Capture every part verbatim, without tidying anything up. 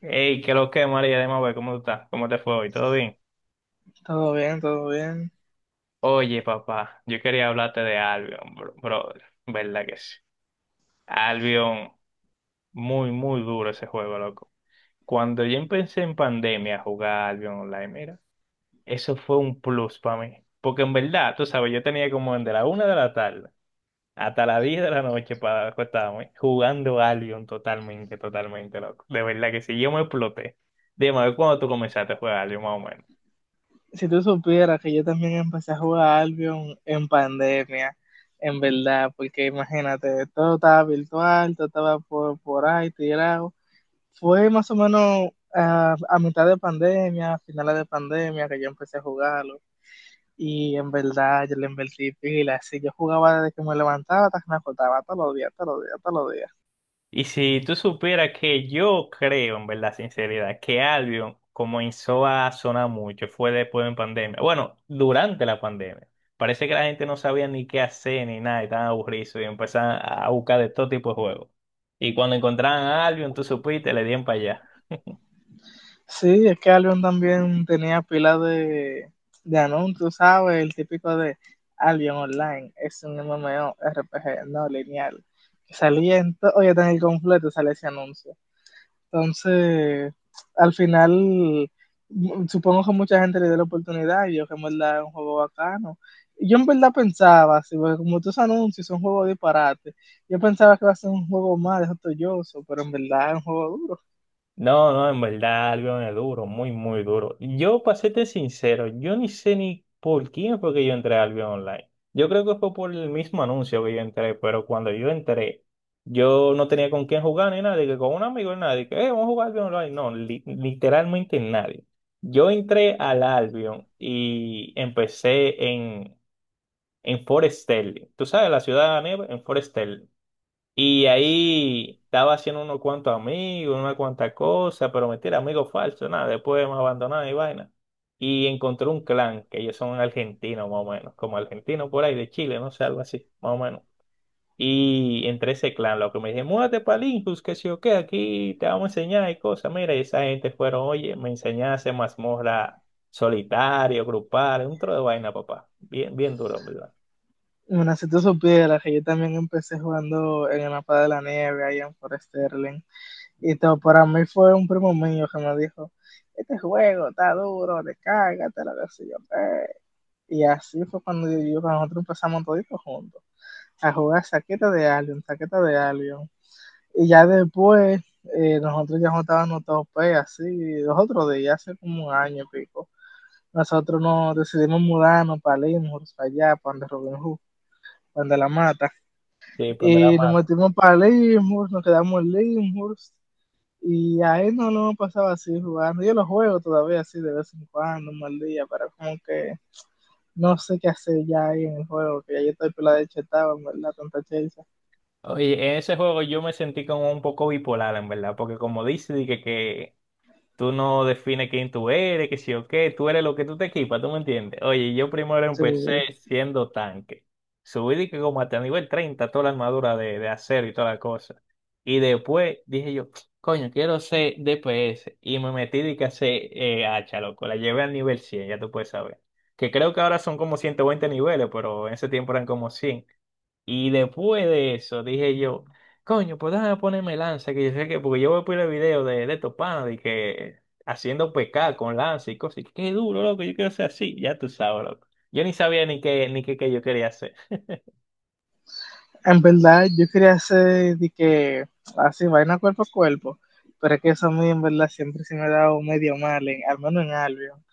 Hey, ¿qué lo que, María de Mabel? ¿Cómo tú estás? ¿Cómo te fue hoy? ¿Todo bien? Todo bien, todo bien. Oye, papá, yo quería hablarte de Albion, bro, brother. ¿Verdad que sí? Albion, muy, muy duro ese juego, loco. Cuando yo empecé en pandemia a jugar Albion Online, mira, eso fue un plus para mí. Porque en verdad, tú sabes, yo tenía como desde la una de la tarde hasta las diez de la noche para acostarme jugando Albion totalmente, totalmente, loco. De verdad que sí, yo me exploté. Dime, a ver, ¿cuándo tú comenzaste a jugar Albion más o menos? Si tú supieras que yo también empecé a jugar Albion en pandemia, en verdad, porque imagínate, todo estaba virtual, todo estaba por, por ahí tirado. Fue más o menos ah, a mitad de pandemia, a finales de pandemia, que yo empecé a jugarlo. Y en verdad, yo le invertí pila. Así yo jugaba desde que me levantaba hasta que me acostaba, todos los días, todos los días, todos los días. Y si tú supieras que yo creo, en verdad, sinceridad, que Albion comenzó a sonar mucho, fue después de pandemia. Bueno, durante la pandemia. Parece que la gente no sabía ni qué hacer ni nada, y estaban aburridos y empezaban a buscar de todo tipo de juegos. Y cuando encontraban a Albion, tú supiste, le dieron para allá. Sí, es que Albion también tenía pila de, de anuncios, ¿sabes? El típico de Albion Online, es un MMORPG no lineal. Que salía en todo, oye, tan el completo sale ese anuncio. Entonces, al final, m- supongo que mucha gente le dio la oportunidad y yo que en verdad es un juego bacano. Y yo en verdad pensaba, así, porque como tus anuncios son juegos de disparate, yo pensaba que iba a ser un juego más de joyoso, pero en verdad es un juego duro. No, no, en verdad, algo es duro, muy, muy duro. Yo, para serte sincero, yo ni sé ni por quién fue que yo entré al Albion Online. Yo creo que fue por el mismo anuncio que yo entré, pero cuando yo entré, yo no tenía con quién jugar ni nadie, que con un amigo ni nadie, que "Eh, vamos a jugar Albion Online. No, li- literalmente nadie. Yo entré al Albion y empecé en, en Forest Stanley. ¿Tú sabes la ciudad de la nieve? En Forest y ahí estaba haciendo unos cuantos amigos, una cuanta cosa, pero mentira, amigos falsos, nada, después me abandonaron y vaina. Y encontré un clan, que ellos son argentinos más o menos, como argentinos por ahí de Chile, no sé, algo así, más o menos. Y entre ese clan, lo que me dije, múdate para Linkus, que si o qué, aquí te vamos a enseñar y cosas. Mira, y esa gente fueron, oye, me enseñaste mazmorra solitario, grupal, un tro de vaina, papá. Bien, bien duro, en ¿verdad? Bueno, si tú supieras que yo también empecé jugando en el mapa de la nieve, ahí en Fort Sterling, y todo, para mí fue un primo mío que me dijo, este juego está duro, descárgate, lo que sé yo. eh". Y así fue cuando yo, yo- cuando nosotros empezamos toditos juntos a jugar saqueta de Alien, saqueta de Alien. Y ya después, eh, nosotros ya juntábamos tope, así, los otros días, hace como un año y pico. Nosotros nos decidimos mudarnos para Limburg, para allá, para donde Robin Hood, para donde la mata. Sí, pondrá Y nos más. metimos para Leavenworth, nos quedamos en Leavenworth. Y ahí no lo pasaba así jugando. Yo lo juego todavía así de vez en cuando, un mal día, pero como que no sé qué hacer ya ahí en el juego, que ya yo estoy pelada de chetado, en verdad, tanta chelcha. Oye, en ese juego yo me sentí como un poco bipolar, en verdad, porque como dice, di que, que tú no defines quién tú eres, que si o qué, tú eres lo que tú te equipas, ¿tú me entiendes? Oye, yo primero Sí. empecé siendo tanque. Subí di que como hasta nivel treinta toda la armadura de, de acero y toda la cosa. Y después dije yo, coño, quiero ser D P S. Y me metí di que a eh, hacha, loco. La llevé al nivel cien ya tú puedes saber. Que creo que ahora son como ciento veinte niveles, pero en ese tiempo eran como cien y después de eso dije yo, coño, pues déjame ponerme lanza, que yo sé que, porque yo voy a poner video de, de estos panas de que haciendo pescar con lanza y cosas, y qué duro, loco, yo quiero ser así, ya tú sabes, loco. Yo ni sabía ni qué, ni qué, qué yo quería hacer. En verdad, yo quería hacer de que así, vaina cuerpo a cuerpo, pero es que eso a mí en verdad siempre se me ha dado medio mal, en- al menos en Albion.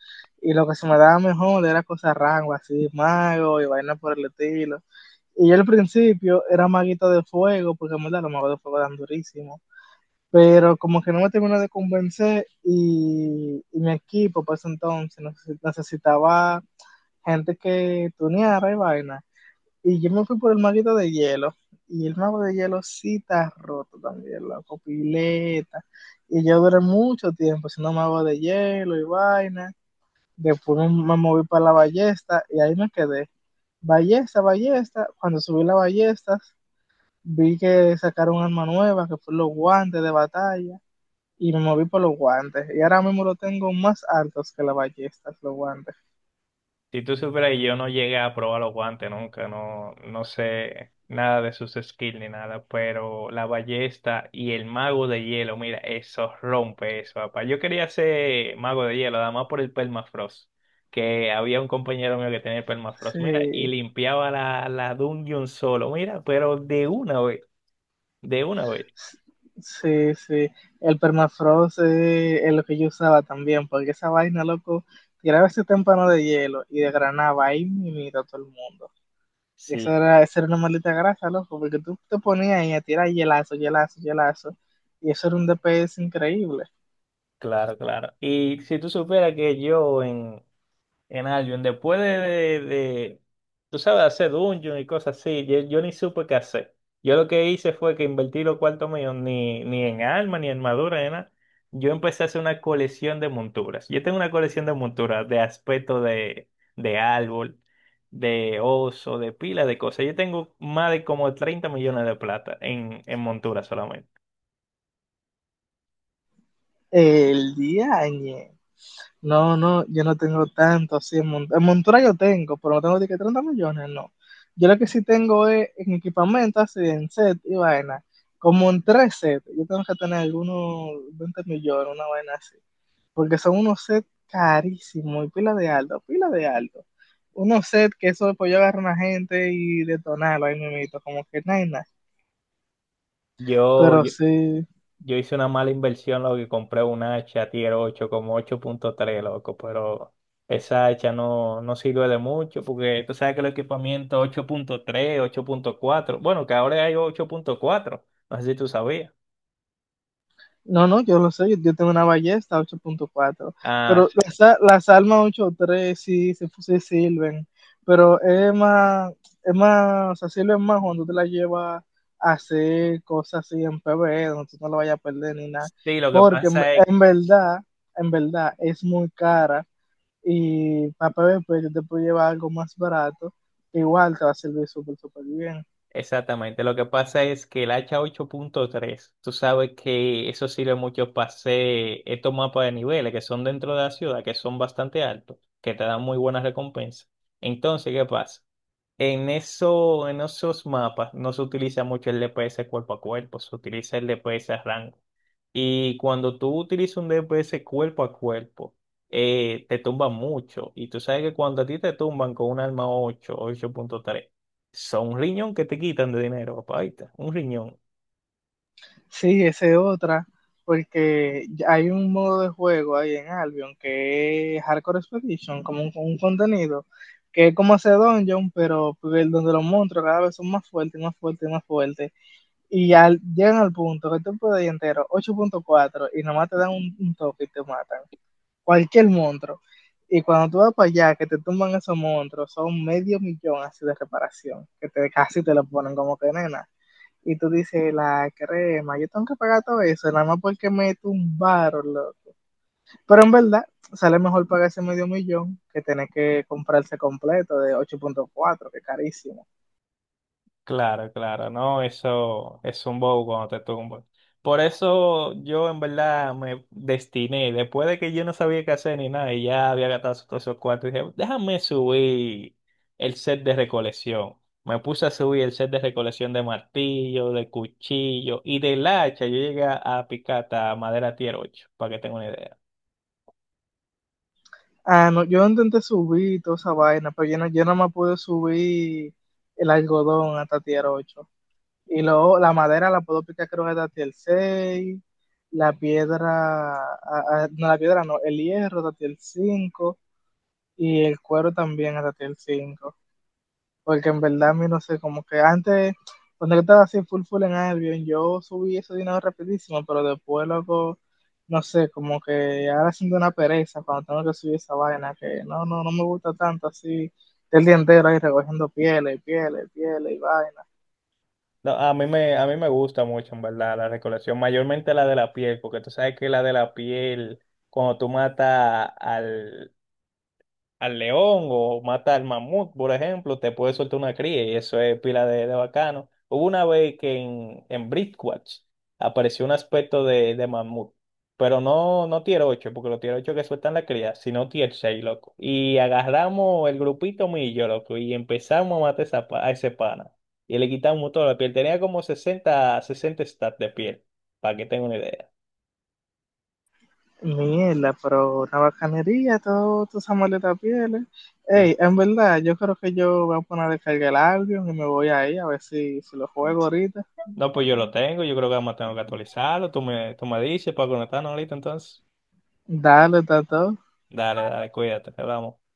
Y lo que se me daba mejor era cosas rango, así, mago y vaina por el estilo. Y al principio era maguito de fuego, porque en verdad los magos de fuego eran durísimos. Pero como que no me terminó de convencer y, y mi equipo para ese entonces necesitaba gente que tuneara y vaina. Y yo me fui por el maguito de hielo. Y el mago de hielo sí está roto también, la copileta. Y yo duré mucho tiempo siendo mago de hielo y vaina. Después me, me moví para la ballesta y ahí me quedé. Ballesta, ballesta. Cuando subí las ballestas, vi que sacaron un arma nueva, que fue los guantes de batalla, y me moví por los guantes. Y ahora mismo lo tengo más altos que las ballestas, los guantes. Si tú supieras que yo no llegué a probar los guantes nunca, no, no sé nada de sus skills ni nada, pero la ballesta y el mago de hielo, mira, eso rompe eso, papá. Yo quería ser mago de hielo, además por el permafrost, que había un compañero mío que tenía el permafrost, mira, y Sí, limpiaba la, la dungeon solo, mira, pero de una vez, de una vez. sí, sí. El permafrost eh, es lo que yo usaba también, porque esa vaina, loco, tiraba ese témpano de hielo y desgranaba ahí mimito a todo el mundo. Y esa Sí, era, esa era una maldita grasa, loco, porque tú te ponías ahí a tirar hielazo, hielazo, hielazo, y eso era un D P S increíble. claro, claro. Y si tú supieras que yo en En Albion, después de, de, de, tú sabes, hacer dungeon y cosas así, yo, yo ni supe qué hacer. Yo lo que hice fue que invertí los cuartos míos ni, ni en armas, ni en armadura, ni nada. Yo empecé a hacer una colección de monturas. Yo tengo una colección de monturas de aspecto de, de árbol, de oso, de pila de cosas. Yo tengo más de como treinta millones de plata en, en monturas solamente. El día añe. No, no, yo no tengo tanto así en montura. En montura yo tengo, pero no tengo de que treinta millones, no. Yo lo que sí tengo es en equipamiento, así en set y vaina. Como en tres sets, yo tengo que tener algunos veinte millones, una vaina así. Porque son unos sets carísimos y pila de alto, pila de alto. Unos sets que eso después yo agarro a una gente y detonarlo ahí mismo, como que nada, y nada. Yo, Pero yo, sí, Yo hice una mala inversión, lo que compré una hacha Tier ocho como ocho punto tres loco, pero esa hacha no, no sirve de mucho porque tú sabes que el equipamiento ocho ocho punto tres ocho punto cuatro bueno, que ahora hay ocho punto cuatro no sé si tú sabías. no, no, yo lo sé, yo, yo tengo una ballesta ocho punto cuatro, Ah, pero sí. las, a- las armas ocho punto tres sí, se sí sirven, pero es más, es más, o sea, sirven más cuando te la llevas a hacer cosas así en P PvE, donde tú no la vayas a perder ni nada, Sí, lo que porque en, pasa es, en verdad, en verdad es muy cara y para P PvP yo te puedo llevar algo más barato, igual te va a servir súper, súper bien. exactamente, lo que pasa es que el hacha ocho punto tres tú sabes que eso sirve mucho para hacer estos mapas de niveles que son dentro de la ciudad, que son bastante altos, que te dan muy buenas recompensas. Entonces, ¿qué pasa? En eso, en esos mapas no se utiliza mucho el D P S cuerpo a cuerpo, se utiliza el D P S a rango. Y cuando tú utilizas un D P S cuerpo a cuerpo, eh, te tumban mucho. Y tú sabes que cuando a ti te tumban con un arma ocho, ocho punto tres, son un riñón que te quitan de dinero, papá. Ahí está, un riñón. Sí, esa es otra, porque ya hay un modo de juego ahí en Albion que es Hardcore Expedition, como un, un contenido, que es como hacer dungeon, pero el- donde los monstruos cada vez son más fuertes, más fuertes, más fuertes. Y al, llegan al punto que tú puedes ir entero ocho punto cuatro, y nomás te dan un, un toque y te matan. Cualquier monstruo. Y cuando tú vas para allá, que te tumban esos monstruos, son medio millón así de reparación, que te, casi te lo ponen como que nena. Y tú dices, la crema, yo tengo que pagar todo eso, nada más porque me tumbaron, loco. Pero en verdad, sale mejor pagarse medio millón que tener que comprarse completo de ocho punto cuatro que es carísimo. Claro, claro, no, eso es un bobo cuando te tumban. Por eso yo en verdad me destiné, después de que yo no sabía qué hacer ni nada y ya había gastado todos esos cuartos, dije, déjame subir el set de recolección. Me puse a subir el set de recolección de martillo, de cuchillo y del hacha. Yo llegué a picar hasta madera tier ocho, para que tenga una idea. Ah, no, yo intenté subir toda esa vaina, pero yo no, yo nada más pude subir el algodón hasta tier ocho. Y luego la madera la puedo picar creo que hasta tier seis. La piedra, a ah, no, la piedra no, el hierro hasta tier cinco. Y el cuero también hasta tier cinco. Porque en verdad a mí no sé, como que antes, cuando yo estaba así full full en Albion, yo subí ese dinero rapidísimo, pero después, loco, no sé, como que ahora siento una pereza cuando tengo que subir esa vaina, que no, no, no me gusta tanto así, el día entero ahí recogiendo pieles, pieles, pieles y vaina. No, a mí me, a mí me gusta mucho, en verdad, la recolección, mayormente la de la piel, porque tú sabes que la de la piel, cuando tú matas al, al león o mata al mamut, por ejemplo, te puede soltar una cría y eso es pila de, de bacano. Hubo una vez que en, en Bridgewatch apareció un aspecto de, de mamut, pero no, no tier ocho porque los tier ocho que sueltan la cría, sino tier seis loco. Y agarramos el grupito millo, loco, y empezamos a matar esa pa- a ese pana. Y le quitamos toda la piel. Tenía como sesenta sesenta stats de piel, para que tenga una idea. Mierda, pero una bacanería, todo, toda esa maleta pieles. Ey, Sí. en verdad, yo creo que yo voy a poner a descargar el Albion y me voy ahí a ver si, si lo juego ahorita. No, pues yo lo tengo, yo creo que además tengo que actualizarlo. Tú me, tú me dices para conectarnos ahorita entonces. Dale, Tato. Dale, dale, cuídate, te hablamos.